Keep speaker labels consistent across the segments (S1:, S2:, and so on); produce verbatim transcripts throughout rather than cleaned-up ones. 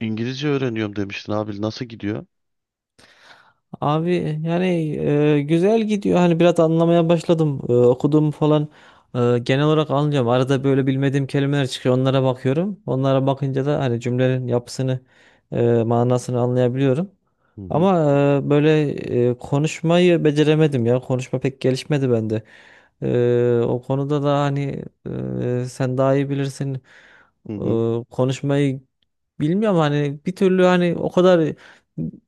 S1: İngilizce öğreniyorum demiştin abi. Nasıl gidiyor?
S2: Abi yani e, güzel gidiyor. Hani biraz anlamaya başladım. E, okuduğumu falan e, genel olarak anlıyorum. Arada böyle bilmediğim kelimeler çıkıyor. Onlara bakıyorum. Onlara bakınca da hani cümlenin yapısını, e, manasını anlayabiliyorum.
S1: Hı hı,
S2: Ama e, böyle e, konuşmayı beceremedim ya. Konuşma pek gelişmedi bende. E, o konuda da hani e, sen daha iyi bilirsin.
S1: hı
S2: E,
S1: hı,
S2: konuşmayı bilmiyorum hani bir türlü hani o kadar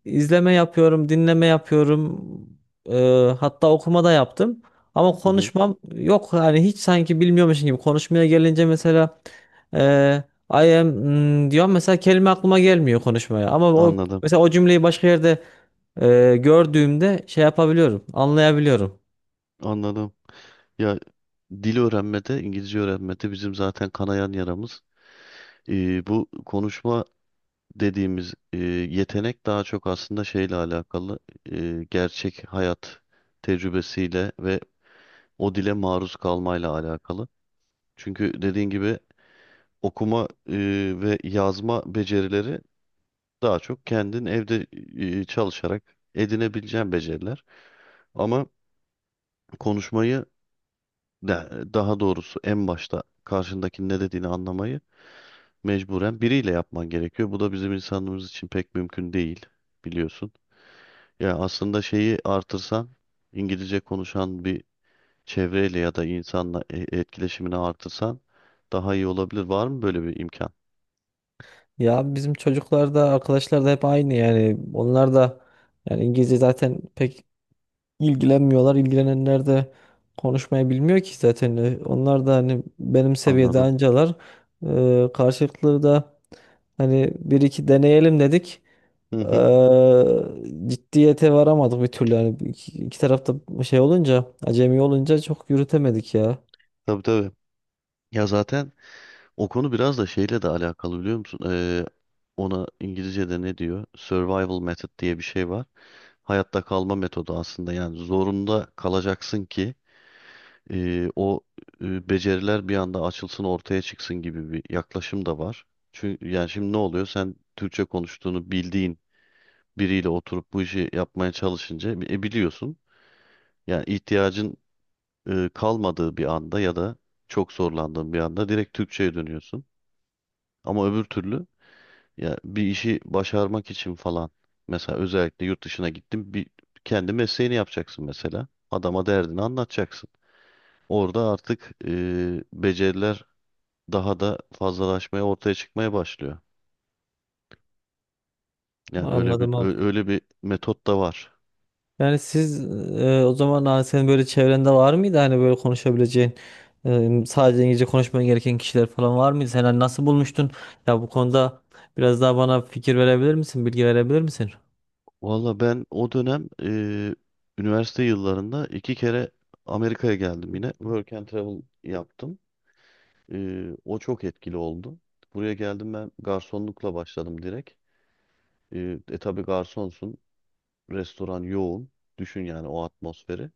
S2: izleme yapıyorum, dinleme yapıyorum. Eee, hatta okuma da yaptım. Ama
S1: hı hı.
S2: konuşmam yok hani hiç sanki bilmiyormuşum gibi. Konuşmaya gelince mesela eee I am hmm, diyorum mesela kelime aklıma gelmiyor konuşmaya. Ama o
S1: Anladım,
S2: mesela o cümleyi başka yerde eee, gördüğümde şey yapabiliyorum, anlayabiliyorum.
S1: anladım. Ya dil öğrenmede, İngilizce öğrenmede bizim zaten kanayan yaramız. Ee, bu konuşma dediğimiz e, yetenek daha çok aslında şeyle alakalı. E, gerçek hayat tecrübesiyle ve o dile maruz kalmayla alakalı. Çünkü dediğin gibi okuma e, ve yazma becerileri daha çok kendin evde e, çalışarak edinebileceğin beceriler. Ama konuşmayı de- daha doğrusu en başta karşındakinin ne dediğini anlamayı mecburen biriyle yapman gerekiyor. Bu da bizim insanımız için pek mümkün değil, biliyorsun. Ya aslında şeyi artırsan, İngilizce konuşan bir çevreyle ya da insanla e- etkileşimini artırsan daha iyi olabilir. Var mı böyle bir imkan?
S2: Ya bizim çocuklar da arkadaşlar da hep aynı yani. Onlar da yani İngilizce zaten pek ilgilenmiyorlar. İlgilenenler de konuşmayı bilmiyor ki zaten. Ee, Onlar da hani benim seviyede
S1: Anladım.
S2: ancalar. Ee, karşılıklı da hani bir iki deneyelim dedik.
S1: Hı hı.
S2: Ee, ciddiyete varamadık bir türlü. Yani iki, iki tarafta şey olunca, acemi olunca çok yürütemedik ya.
S1: Tabii tabii. Ya zaten o konu biraz da şeyle de alakalı, biliyor musun? Ee, ona İngilizce'de ne diyor? Survival method diye bir şey var. Hayatta kalma metodu aslında. Yani zorunda kalacaksın ki e, o e, beceriler bir anda açılsın, ortaya çıksın gibi bir yaklaşım da var. Çünkü yani şimdi ne oluyor? Sen Türkçe konuştuğunu bildiğin biriyle oturup bu işi yapmaya çalışınca e, biliyorsun. Yani ihtiyacın e, kalmadığı bir anda ya da çok zorlandığın bir anda direkt Türkçe'ye dönüyorsun. Ama öbür türlü, ya bir işi başarmak için falan. Mesela özellikle yurt dışına gittim. Bir kendi mesleğini yapacaksın mesela. Adama derdini anlatacaksın. Orada artık e, beceriler daha da fazlalaşmaya, ortaya çıkmaya başlıyor. Yani öyle bir
S2: Anladım abi.
S1: ö- öyle bir metot da var.
S2: Yani siz e, o zaman hani senin böyle çevrende var mıydı hani böyle konuşabileceğin, e, sadece İngilizce konuşman gereken kişiler falan var mıydı? Sen hani nasıl bulmuştun? Ya bu konuda biraz daha bana fikir verebilir misin? Bilgi verebilir misin?
S1: Valla ben o dönem e, üniversite yıllarında iki kere Amerika'ya geldim yine. Work and travel yaptım. E, O çok etkili oldu. Buraya geldim, ben garsonlukla başladım direkt. E, e tabii garsonsun. Restoran yoğun. Düşün yani o atmosferi.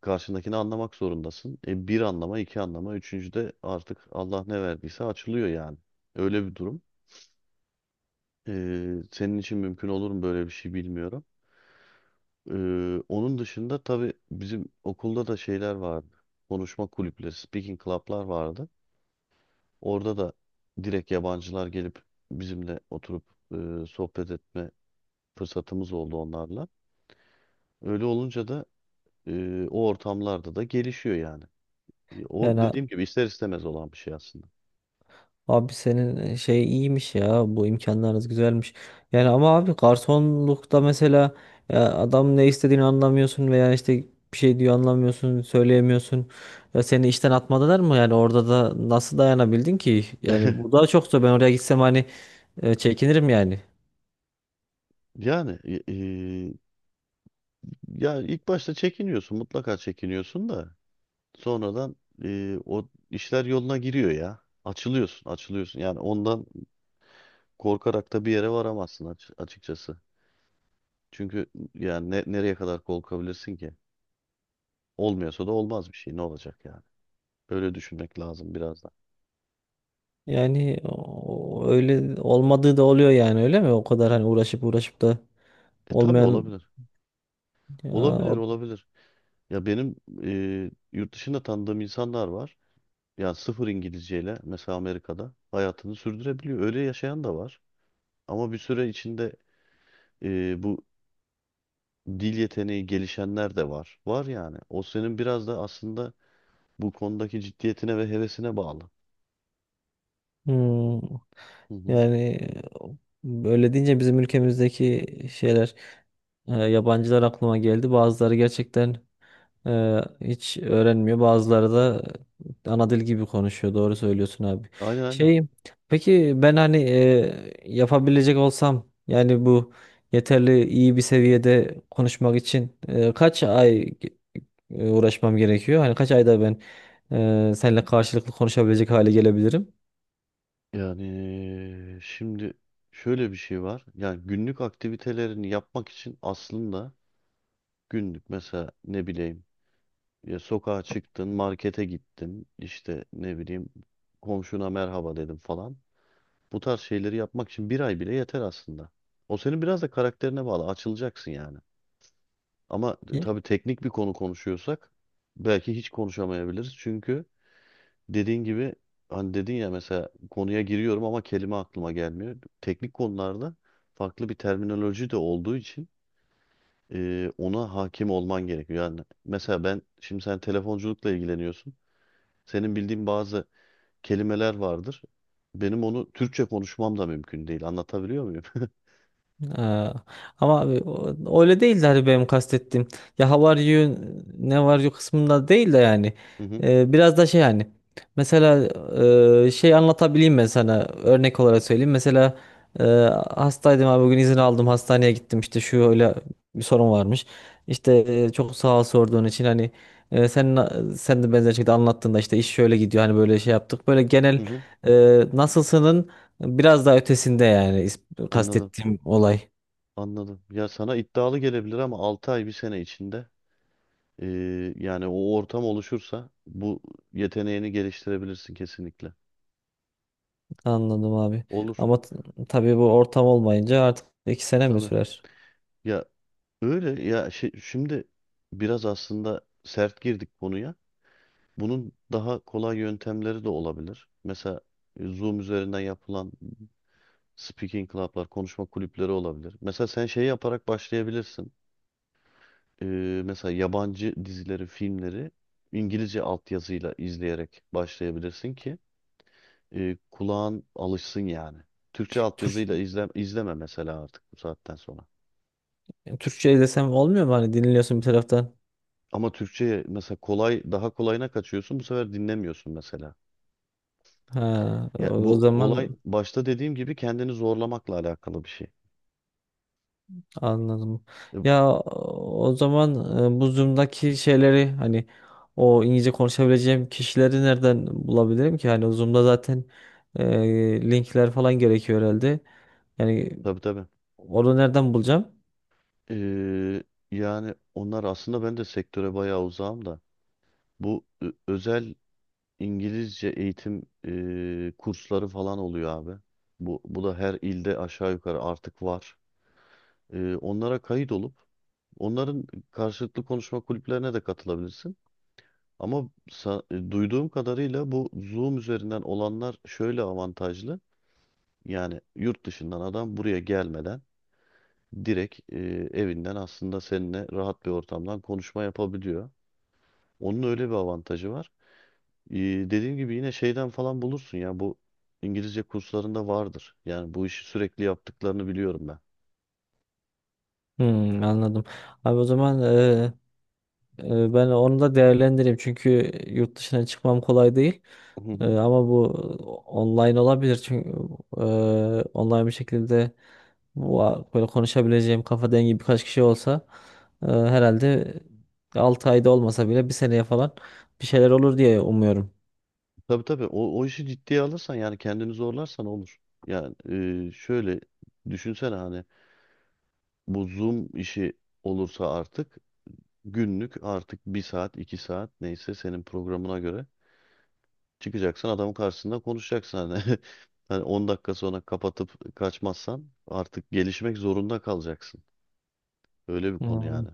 S1: Karşındakini anlamak zorundasın. E, bir anlama, iki anlama, üçüncüde artık Allah ne verdiyse açılıyor yani. Öyle bir durum. E, Senin için mümkün olur mu böyle bir şey bilmiyorum. E, Onun dışında tabii bizim okulda da şeyler vardı. Konuşma kulüpleri, speaking club'lar vardı. Orada da direkt yabancılar gelip bizimle oturup e, sohbet etme fırsatımız oldu onlarla. Öyle olunca da e, o ortamlarda da gelişiyor yani. E, O
S2: Yani
S1: dediğim gibi ister istemez olan bir şey aslında.
S2: abi senin e, şey iyiymiş ya, bu imkanlarınız güzelmiş. Yani ama abi garsonlukta mesela ya adam ne istediğini anlamıyorsun veya işte bir şey diyor anlamıyorsun söyleyemiyorsun. Ya seni işten atmadılar mı yani? Orada da nasıl dayanabildin ki? Yani bu daha çok zor, ben oraya gitsem hani e, çekinirim yani.
S1: Yani e, e, ya ilk başta çekiniyorsun, mutlaka çekiniyorsun da sonradan e, o işler yoluna giriyor ya. Açılıyorsun, açılıyorsun. Yani ondan korkarak da bir yere varamazsın, aç- açıkçası. Çünkü yani ne- nereye kadar korkabilirsin ki? Olmuyorsa da olmaz bir şey. Ne olacak yani? Böyle düşünmek lazım biraz da.
S2: Yani o- öyle olmadığı da oluyor yani, öyle mi? O kadar hani uğraşıp uğraşıp da
S1: E tabii
S2: olmayan
S1: olabilir.
S2: ya,
S1: Olabilir,
S2: o-
S1: olabilir. Ya benim e, yurt dışında tanıdığım insanlar var. Yani sıfır İngilizceyle mesela Amerika'da hayatını sürdürebiliyor. Öyle yaşayan da var. Ama bir süre içinde e, bu dil yeteneği gelişenler de var. Var yani. O senin biraz da aslında bu konudaki ciddiyetine ve hevesine bağlı.
S2: hmm.
S1: Hı hı.
S2: Yani böyle deyince bizim ülkemizdeki şeyler, e, yabancılar aklıma geldi. Bazıları gerçekten e, hiç öğrenmiyor. Bazıları da ana dil gibi konuşuyor. Doğru söylüyorsun abi.
S1: Aynen aynen.
S2: Şey, peki ben hani e, yapabilecek olsam, yani bu yeterli iyi bir seviyede konuşmak için e, kaç ay ge- e, uğraşmam gerekiyor? Hani kaç ayda ben e, seninle karşılıklı konuşabilecek hale gelebilirim?
S1: Yani eee, şimdi şöyle bir şey var. Yani günlük aktivitelerini yapmak için aslında günlük mesela, ne bileyim, ya sokağa çıktın, markete gittin, işte ne bileyim, komşuna merhaba dedim falan. Bu tarz şeyleri yapmak için bir ay bile yeter aslında. O senin biraz da karakterine bağlı. Açılacaksın yani. Ama e, tabii teknik bir konu konuşuyorsak belki hiç konuşamayabiliriz. Çünkü dediğin gibi, hani dedin ya, mesela konuya giriyorum ama kelime aklıma gelmiyor. Teknik konularda farklı bir terminoloji de olduğu için e, ona hakim olman gerekiyor. Yani mesela ben şimdi, sen telefonculukla ilgileniyorsun. Senin bildiğin bazı kelimeler vardır. Benim onu Türkçe konuşmam da mümkün değil. Anlatabiliyor muyum?
S2: Ee, ama abi o- öyle değil de hani benim kastettiğim ya how are you, ne var you kısmında değil de yani.
S1: Hı hı,
S2: Ee, biraz da şey, hani mesela e, şey anlatabileyim ben sana örnek olarak söyleyeyim mesela. e, hastaydım abi bugün, izin aldım hastaneye gittim, işte şu öyle bir sorun varmış, işte e, çok sağ ol sorduğun için hani. e, sen sen de benzer şekilde anlattığında işte iş şöyle gidiyor hani, böyle şey yaptık, böyle genel
S1: hı hı.
S2: e, nasılsının. Biraz daha ötesinde yani, is-
S1: Anladım,
S2: kastettiğim olay.
S1: anladım. Ya sana iddialı gelebilir ama altı ay bir sene içinde e, yani o ortam oluşursa bu yeteneğini geliştirebilirsin kesinlikle.
S2: Anladım abi.
S1: Olur
S2: Ama t- tabii bu ortam olmayınca artık iki sene mi
S1: tabii.
S2: sürer?
S1: Ya öyle ya, şey, şimdi biraz aslında sert girdik konuya. Bunun daha kolay yöntemleri de olabilir. Mesela e, Zoom üzerinden yapılan speaking club'lar, konuşma kulüpleri olabilir. Mesela sen şey yaparak başlayabilirsin. Ee, Mesela yabancı dizileri, filmleri İngilizce altyazıyla izleyerek başlayabilirsin ki e, kulağın alışsın yani. Türkçe
S2: Türk,
S1: altyazıyla izle, izleme mesela artık bu saatten sonra.
S2: Türkçe desem olmuyor mu? Hani dinliyorsun bir taraftan.
S1: Ama Türkçe'ye mesela kolay, daha kolayına kaçıyorsun bu sefer, dinlemiyorsun mesela.
S2: Ha, o
S1: Ya
S2: o
S1: bu
S2: zaman
S1: olay başta dediğim gibi kendini zorlamakla alakalı bir şey.
S2: anladım.
S1: E,
S2: Ya o zaman e, bu Zoom'daki şeyleri hani o İngilizce konuşabileceğim kişileri nereden bulabilirim ki? Hani o Zoom'da zaten e, linkler falan gerekiyor herhalde. Yani
S1: tabii tabii.
S2: onu nereden bulacağım?
S1: Ee, Yani onlar aslında, ben de sektöre bayağı uzağım da, bu ö- özel İngilizce eğitim e, kursları falan oluyor abi. Bu, bu da her ilde aşağı yukarı artık var. Ee, onlara kayıt olup onların karşılıklı konuşma kulüplerine de katılabilirsin. Ama sa- e, duyduğum kadarıyla bu Zoom üzerinden olanlar şöyle avantajlı. Yani yurt dışından adam buraya gelmeden direkt e, evinden aslında seninle rahat bir ortamdan konuşma yapabiliyor. Onun öyle bir avantajı var. E, Dediğim gibi yine şeyden falan bulursun ya, bu İngilizce kurslarında vardır. Yani bu işi sürekli yaptıklarını biliyorum ben.
S2: Hmm, anladım. Abi o zaman e, e, ben onu da değerlendireyim, çünkü yurt dışına çıkmam kolay değil.
S1: Hı
S2: E,
S1: hı.
S2: ama bu online olabilir, çünkü e, online bir şekilde bu a- böyle konuşabileceğim kafa dengi birkaç kişi olsa e, herhalde altı ayda olmasa bile bir seneye falan bir şeyler olur diye umuyorum.
S1: Tabii tabii, o, o işi ciddiye alırsan yani, kendini zorlarsan olur. Yani e, şöyle düşünsene, hani bu Zoom işi olursa artık günlük, artık bir saat iki saat neyse senin programına göre, çıkacaksın adamın karşısında konuşacaksın hani, hani on dakika sonra kapatıp kaçmazsan artık gelişmek zorunda kalacaksın. Öyle bir konu
S2: Hmm,
S1: yani.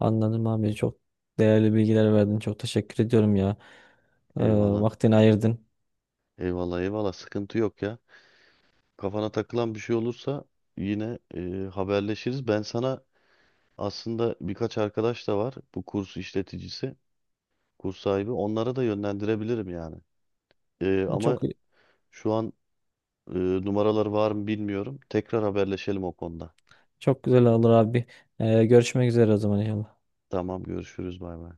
S2: anladım abi, çok değerli bilgiler verdin, çok teşekkür ediyorum ya. E,
S1: Eyvallah.
S2: vaktini ayırdın.
S1: Eyvallah eyvallah, sıkıntı yok ya. Kafana takılan bir şey olursa yine e, haberleşiriz. Ben sana, aslında birkaç arkadaş da var bu kurs işleticisi, kurs sahibi. Onlara da yönlendirebilirim yani. E, ama
S2: Çok
S1: şu an Ee, numaralar var mı bilmiyorum. Tekrar haberleşelim o konuda.
S2: Çok güzel olur abi. Ee, görüşmek üzere o zaman inşallah.
S1: Tamam, görüşürüz, bay bay.